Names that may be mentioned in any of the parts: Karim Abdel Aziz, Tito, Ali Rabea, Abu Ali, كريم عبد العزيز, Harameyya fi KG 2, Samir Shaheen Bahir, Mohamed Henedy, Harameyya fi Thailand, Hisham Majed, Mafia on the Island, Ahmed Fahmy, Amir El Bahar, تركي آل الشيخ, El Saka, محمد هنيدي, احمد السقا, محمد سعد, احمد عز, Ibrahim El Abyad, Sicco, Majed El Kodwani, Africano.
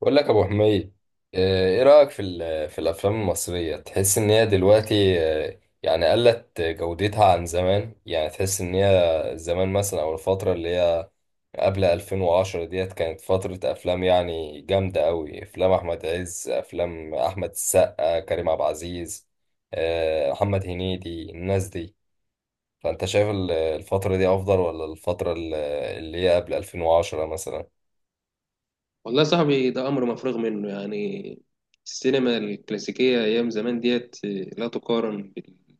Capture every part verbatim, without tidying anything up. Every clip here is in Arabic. بقول لك يا ابو حميد. آه، ايه رايك في ال- في الافلام المصريه؟ تحس ان هي دلوقتي آه، يعني قلت جودتها عن زمان؟ يعني تحس ان هي زمان مثلا، او الفتره اللي هي قبل ألفين وعشرة ديت، كانت فتره افلام يعني جامده قوي. افلام احمد عز، افلام احمد السقا، كريم عبد العزيز، آه، محمد هنيدي، الناس دي. فانت شايف ال- الفتره دي افضل ولا الفتره ال- اللي هي قبل ألفين وعشرة مثلا؟ والله يا صاحبي ده أمر مفروغ منه يعني السينما الكلاسيكية أيام زمان ديت لا تقارن بال-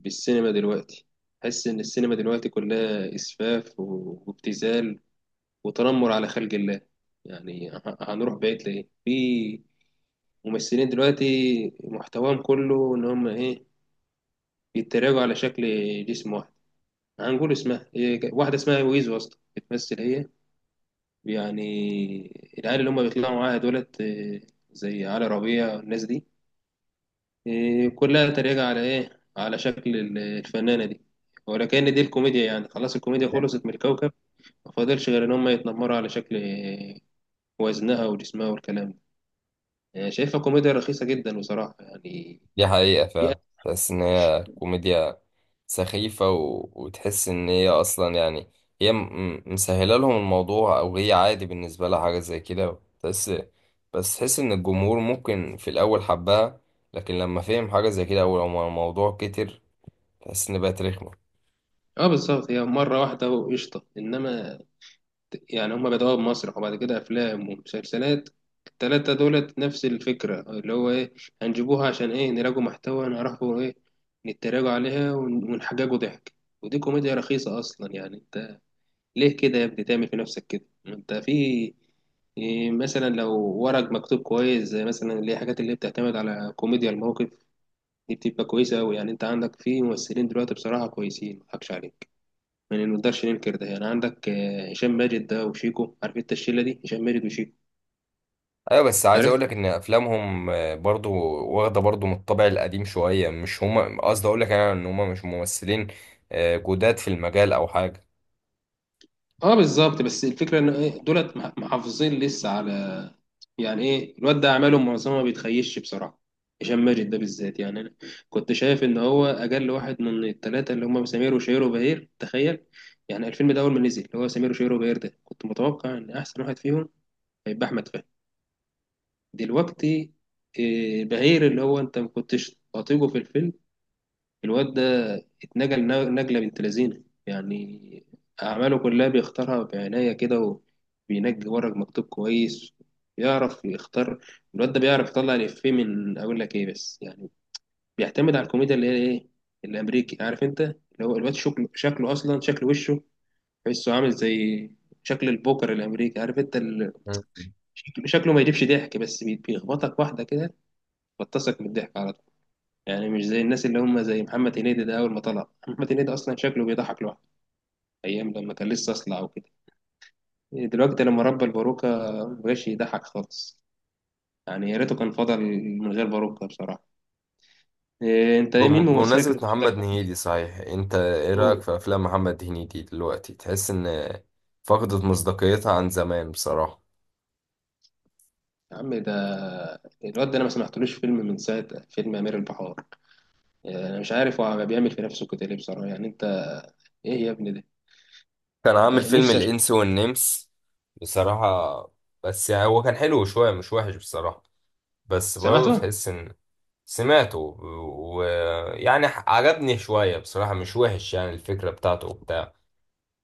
بالسينما دلوقتي. حس إن السينما دلوقتي كلها إسفاف و- وابتذال وتنمر على خلق الله. يعني ه- هنروح بعيد لإيه؟ في ممثلين دلوقتي محتواهم كله إن هم إيه، بيتريقوا على شكل جسم واحد. هنقول اسمها إيه، واحدة اسمها ويزو أصلا بتمثل هي يعني، العيال اللي هم بيطلعوا معاها دولت آه، زي علي ربيع والناس دي آه، كلها تريقة على إيه، على شكل ال- الفنانة دي. ولكن دي الكوميديا يعني، خلاص الكوميديا خلصت من الكوكب. ما فاضلش غير إن هم يتنمروا على شكل آه، وزنها وجسمها والكلام ده. يعني شايفها كوميديا رخيصة جدا بصراحة يعني. دي حقيقة، هي- فعلا تحس إن هي كوميديا سخيفة و... وتحس إن هي أصلا يعني، هي م... م- مسهلة لهم الموضوع، أو هي عادي بالنسبة لها حاجة زي كده، تحس. بس تحس إن الجمهور ممكن في الأول حبها، لكن لما فهم حاجة زي كده أو لما الموضوع كتر، تحس إن بقت رخمة. اه بالظبط، هي مرة واحدة وقشطة، إنما يعني هما بدأوها بمسرح وبعد كده أفلام ومسلسلات. التلاتة دولت نفس الفكرة اللي هو إيه، هنجيبوها عشان إيه، نراجعوا محتوى، نعرفوا إيه، نتراجعوا عليها ون- ونحججوا ضحك. ودي كوميديا رخيصة أصلا يعني. أنت ليه كده يا ابني تعمل في نفسك كده؟ ما أنت في إيه مثلا، لو ورق مكتوب كويس زي مثلا اللي هي الحاجات اللي بتعتمد على كوميديا الموقف، دي بتبقى كويسة أوي. يعني أنت عندك في ممثلين دلوقتي بصراحة كويسين مضحكش عليك. يعني ما نقدرش ننكر ده. يعني عندك آه، هشام ماجد ده وشيكو، عارف انت الشله دي، هشام ماجد وشيكو، أيوة، بس عايز عارف. أقولك إن أفلامهم آه، برضو واخدة برضو من الطابع القديم شوية. مش هما، قصدي أقولك أنا إن هما مش ممثلين آه، جداد في المجال أو حاجة. اه بالظبط، بس الفكره ان ايه، دولت مح- محافظين لسه على يعني ايه. الواد ده اعماله معظمها ما بيتخيش بصراحه. هشام ماجد ده بالذات، يعني انا كنت شايف ان هو اجل واحد من الثلاثه اللي هم سمير وشهير وبهير. تخيل يعني، الفيلم ده اول ما نزل اللي هو سمير وشهير وبهير ده، كنت متوقع ان احسن واحد فيهم هيبقى احمد فهمي. دلوقتي آه، بهير اللي هو انت ما كنتش تطيقه في الفيلم، الواد ده اتنجل نج- نجلة بنت لذينة يعني. أعماله كلها بيختارها بعناية كده، وبينجي ورق مكتوب كويس. بيعرف يختار. الواد ده بيعرف يطلع الإفيه من أقول لك إيه، بس يعني بيعتمد على الكوميديا اللي هي إيه، الأمريكي، عارف أنت اللي هو. الواد شكله شكله أصلا، شكل وشه تحسه عامل زي شكل البوكر الأمريكي، عارف أنت ال- شكله. شكله ما يجيبش ضحك، بس بي- بيخبطك واحدة كده بتصك من الضحك على طول. يعني مش زي الناس اللي هم زي محمد هنيدي ده. أول ما طلع محمد هنيدي أصلا شكله بيضحك لوحده، أيام لما كان لسه أصلع وكده. دلوقتي لما ربى الباروكة مبقاش يضحك خالص. يعني يا ريته كان فضل من غير باروكة بصراحة. إيه أنت، إيه بم- مين ممثلك بمناسبة محمد المفضل؟ هنيدي، صحيح انت ايه رأيك هو في افلام محمد هنيدي دلوقتي؟ تحس ان فقدت مصداقيتها عن زمان بصراحة؟ يا عم، ده الواد ده أنا ما سمعتلوش فيلم من ساعة فيلم أمير البحار. إيه، أنا مش عارف هو بيعمل في نفسه كده ليه بصراحة. يعني أنت إيه يا ابني؟ كان ده عامل فيلم نفسي أش- الانس والنمس بصراحة، بس يعني هو كان حلو شوية، مش وحش بصراحة. بس برضه سمعته؟ تحس ان... سمعته، ويعني عجبني شوية بصراحة، مش وحش، يعني الفكرة بتاعته وبتاع.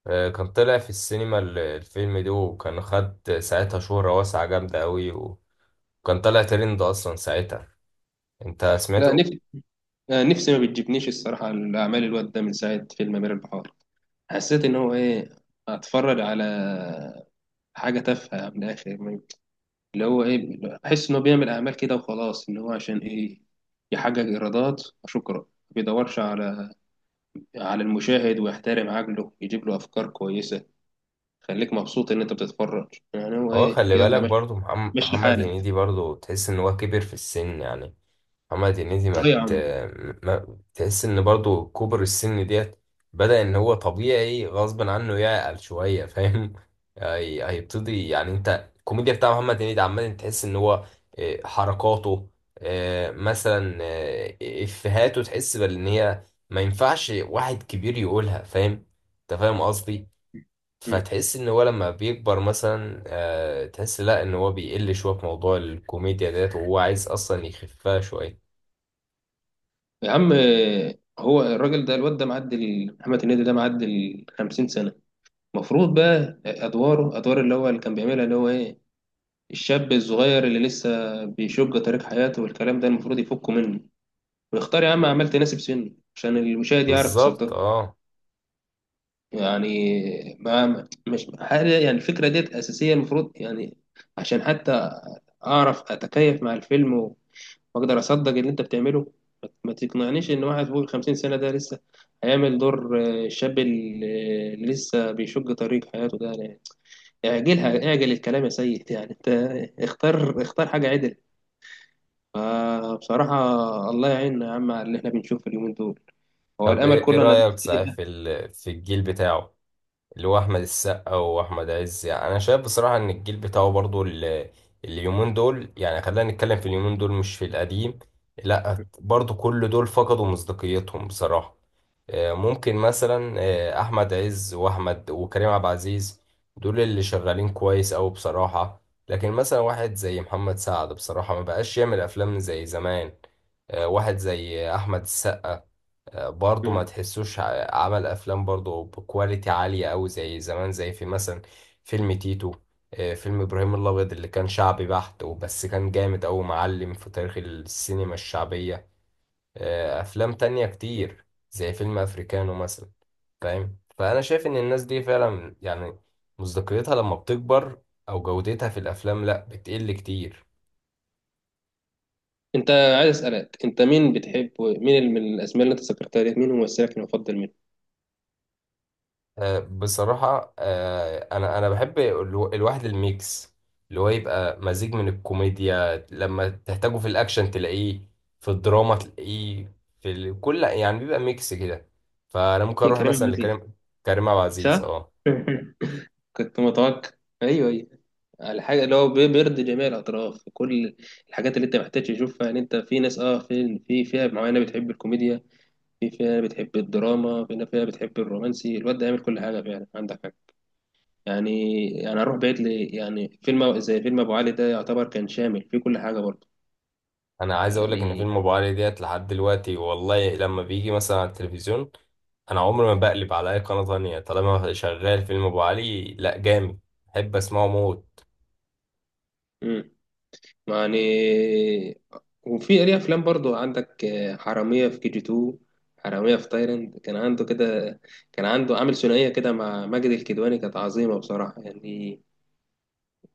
آه، كان طلع في السينما ال- الفيلم ده، وكان خد ساعتها شهرة واسعة جامدة قوي، وكان طلع ترند اصلا ساعتها. انت لا سمعته؟ نفسي آه، نفسي ما بتجيبنيش الصراحة الأعمال. الواد ده من ساعة فيلم أمير البحار حسيت ان هو ايه، اتفرج على حاجه تافهه من الاخر. ما- اللي هو ايه، احس انه بيعمل اعمال كده وخلاص، ان هو عشان ايه، يحقق ايرادات. شكرا. ما بيدورش على على المشاهد ويحترم عقله يجيب له افكار كويسه. خليك مبسوط ان انت بتتفرج يعني. هو هو ايه، خلي يلا بالك مش برضو، محم- مشي محمد هنيدي حالك. برضو، تحس ان هو كبر في السن يعني. محمد هنيدي اه ما, يا ت... عم. ما تحس ان برضو كبر السن ديت، بدأ ان هو طبيعي غصب عنه يعقل شوية، فاهم؟ هي- هيبتدي يعني. انت الكوميديا بتاع محمد هنيدي عمال تحس ان هو اه، حركاته، اه، مثلا اه، افهاته، تحس بان هي ما ينفعش واحد كبير يقولها، فاهم؟ انت فاهم قصدي. مم. فتحس ان هو لما بيكبر مثلا، آه، تحس لا، ان هو بيقل شويه في موضوع الكوميديا ديت، وهو عايز اصلا يخفها شويه. يا عم آه، هو الراجل ده الواد ده معدي، محمد هنيدي ده معدي ال الخمسين سنه. المفروض بقى ادواره ادوار اللي هو اللي كان بيعملها، اللي هو ايه، الشاب الصغير اللي لسه بيشق طريق حياته والكلام ده المفروض يفكه منه. ويختار يا عم أعمال تناسب سنه، عشان المشاهد يعرف بالظبط يصدقها. اه. يعني ما مش حاجة يعني، الفكرة ديت أساسية المفروض يعني، عشان حتى أعرف أتكيف مع الفيلم و- وأقدر أصدق اللي أنت بتعمله. ما ما تقنعنيش إن واحد فوق الخمسين سنة ده لسه هيعمل دور آه، الشاب ال- اللي لسه بيشق طريق حياته ده يعني. اعجلها، اعجل الكلام يا سيد. يعني أنت اختار، اختار حاجة عدل. فبصراحة الله يعيننا يا عم على اللي احنا بنشوفه اليومين دول. هو طب ايه الأمل ايه كله أنا. رايك صحيح في ال- في الجيل بتاعه، اللي هو احمد السقا واحمد عز؟ يعني انا شايف بصراحه ان الجيل بتاعه برضو ال- اليومين دول، يعني خلينا نتكلم في اليومين دول مش في القديم، لا برضو كل دول فقدوا مصداقيتهم بصراحه. آه، ممكن مثلا آه، احمد عز واحمد وكريم عبد العزيز، دول اللي شغالين كويس أوي بصراحة. لكن مثلا واحد زي محمد سعد بصراحة ما بقاش يعمل افلام زي زمان. آه، واحد زي احمد السقا آه، برضه ما مم. تحسوش ع- عمل افلام برضه بكواليتي عالية أوي زي زمان، زي في مثلا فيلم تيتو، آه، فيلم ابراهيم الابيض اللي كان شعبي بحت وبس، كان جامد أوي، معلم في تاريخ السينما الشعبية. آه، افلام تانية كتير زي فيلم افريكانو مثلا، فاهم؟ فانا شايف ان الناس دي فعلا يعني مصداقيتها لما بتكبر او جودتها في الافلام لا بتقل كتير. أنت عايز أسألك، أنت مين بتحب؟ مين ال- من الأسماء اللي أنت ذكرتها ديت مين ممثلك المفضل منه؟ آه، بصراحة آه، انا انا بحب الو- الواحد الميكس، اللي هو يبقى مزيج من الكوميديا، لما تحتاجه في الاكشن تلاقيه، في الدراما تلاقيه، في ال- كل يعني، بيبقى ميكس كده. فانا ممكن مين، اروح كريم عبد مثلا العزيز؟ لكريم، كريم عبد العزيز صح؟ اه. كنت متوقع. أيوه أيوه. الحاجة اللي هو بي- بيرضي جميع الأطراف، كل الحاجات اللي أنت محتاج تشوفها. يعني أنت في ناس، أه، في في فئة معينة بتحب الكوميديا، في فئة بتحب الدراما، في فئة بتحب الرومانسي. الواد ده يعمل كل حاجة فعلا، عندك حاجة يعني، يعني اروح بعيد لي، يعني فيلم زي فيلم ابو علي ده يعتبر كان شامل فيه كل حاجه برضه انا عايز اقول لك ان يعني. فيلم ابو علي ديت لحد دلوقتي، والله لما بيجي مثلا على التلفزيون، انا عمري ما بقلب على اي قناة تانية طالما شغال فيلم ابو علي، لا جامد، بحب اسمعه موت. امم. يعني وفي ليه افلام برضه عندك آه، حراميه في كي جي اتنين، حراميه في تايلاند. كان عنده كده، كان عنده عامل ثنائيه كده مع ماجد الكدواني، كانت عظيمه بصراحه يعني.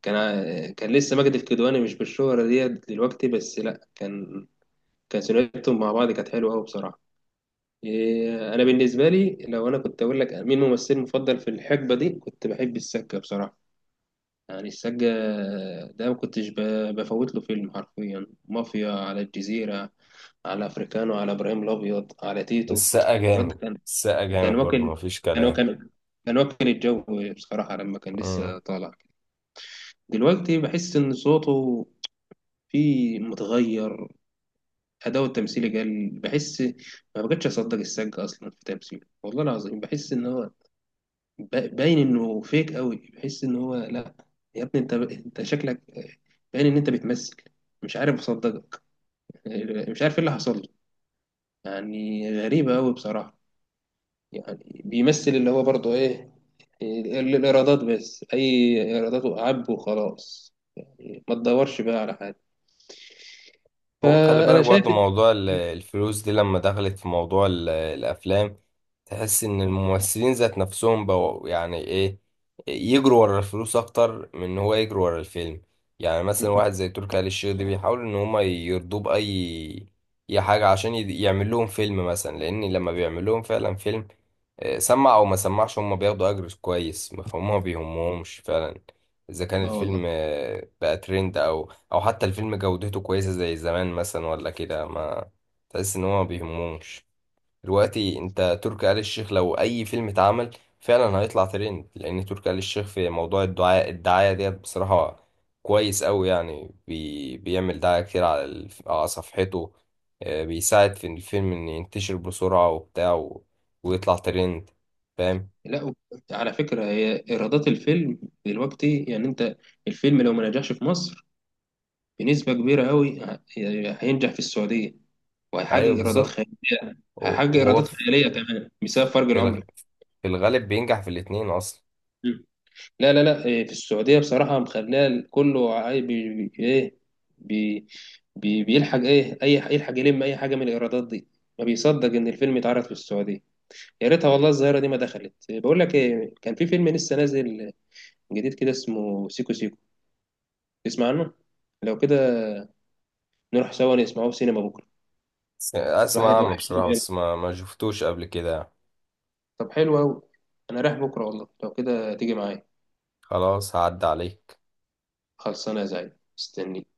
كان ع- كان لسه ماجد الكدواني مش بالشهره ديت دلوقتي، بس لا، كان، كان ثنائيتهم مع بعض كانت حلوه قوي بصراحه. إيه، انا بالنسبه لي، لو انا كنت اقول لك مين ممثلي المفضل في الحقبه دي، كنت بحب السقا بصراحه. يعني السقا ده ما كنتش ب- بفوت له فيلم حرفيا، مافيا، على الجزيره، على افريكانو، على ابراهيم الابيض، على تيتو. السقا الواد ده جامد، كان، السقا كان جامد برضه، واكل، مفيش كان كلام. واكل، كان واكل الجو بصراحه لما كان لسه طالع. دلوقتي بحس ان صوته فيه متغير، أداء التمثيل قل بحس. ما بقتش أصدق السقا أصلا في تمثيله والله العظيم. بحس إن هو با- باين انه فيك قوي. بحس ان هو لا، يا ابني انت، انت شكلك باين ان انت بتمثل، مش عارف اصدقك. مش عارف ايه اللي حصل له. يعني غريبة قوي بصراحة. يعني بيمثل اللي هو برضه ايه، ال- الايرادات بس، اي ايرادات وعب وخلاص، يعني ما تدورش بقى على حاجة. هو خلي بالك فانا شايف. برضو، موضوع ال- الفلوس دي لما دخلت في موضوع ال- الأفلام، تحس إن الممثلين ذات نفسهم بقوا يعني إيه، يجروا ورا الفلوس أكتر من إن هو يجروا ورا الفيلم. يعني مثلا واحد زي تركي آل الشيخ ده بيحاول إن هما يرضوه بأي أي حاجة عشان يد- يعمل لهم فيلم مثلا، لأن لما بيعمل لهم فعلا فيلم، آه، سمع أو ما سمعش، هما بياخدوا أجر كويس، فهم ما بيهمهمش فعلا إذا كان اه الفيلم والله. آه، بقى ترند، أو او حتى الفيلم جودته كويسة زي زمان مثلا ولا كده، ما تحس ان هو ما بيهمهمش. دلوقتي انت تركي آل الشيخ لو اي فيلم اتعمل فعلا هيطلع ترند، لان تركي آل الشيخ في موضوع الدعاء الدعاية ديت بصراحة كويس قوي يعني، بي بيعمل دعاية كتير على الف- على صفحته. آه، بيساعد في الفيلم ان ينتشر بسرعة وبتاع و- ويطلع ترند، فاهم؟ لا و- على فكرة هي ايرادات الفيلم دلوقتي يعني انت، الفيلم لو ما نجحش في مصر بنسبة كبيرة أوي هينجح في السعودية، وهيحقق ايوه إيرادات بالظبط. خيالية، هو هيحقق هو إيرادات خيالية كمان بسبب فرق في الغ- العملة. في الغالب بينجح في الاتنين اصلا. مم. لا لا لا إيه، في السعودية بصراحة مخليها كله عاي- بي بي- إيه، بي، بي بيلحق إيه، أي يلحق يلم أي حاجة من الإيرادات دي. ما بيصدق إن الفيلم اتعرض في السعودية. يا ريتها والله الظاهرة دي ما دخلت. إيه، بقول لك إيه، كان في فيلم لسه نازل جديد كده اسمه سيكو سيكو، تسمع عنه؟ لو كده نروح سوا نسمعه في سينما بكرة. بس اسمع الواحد عنه وحش، بصراحة، بس ما ما شفتوش قبل كده. طب حلو أوي. أنا رايح بكرة والله، لو كده تيجي معايا. خلاص هعدي عليك. خلصانة يا زعيم، مستنيك.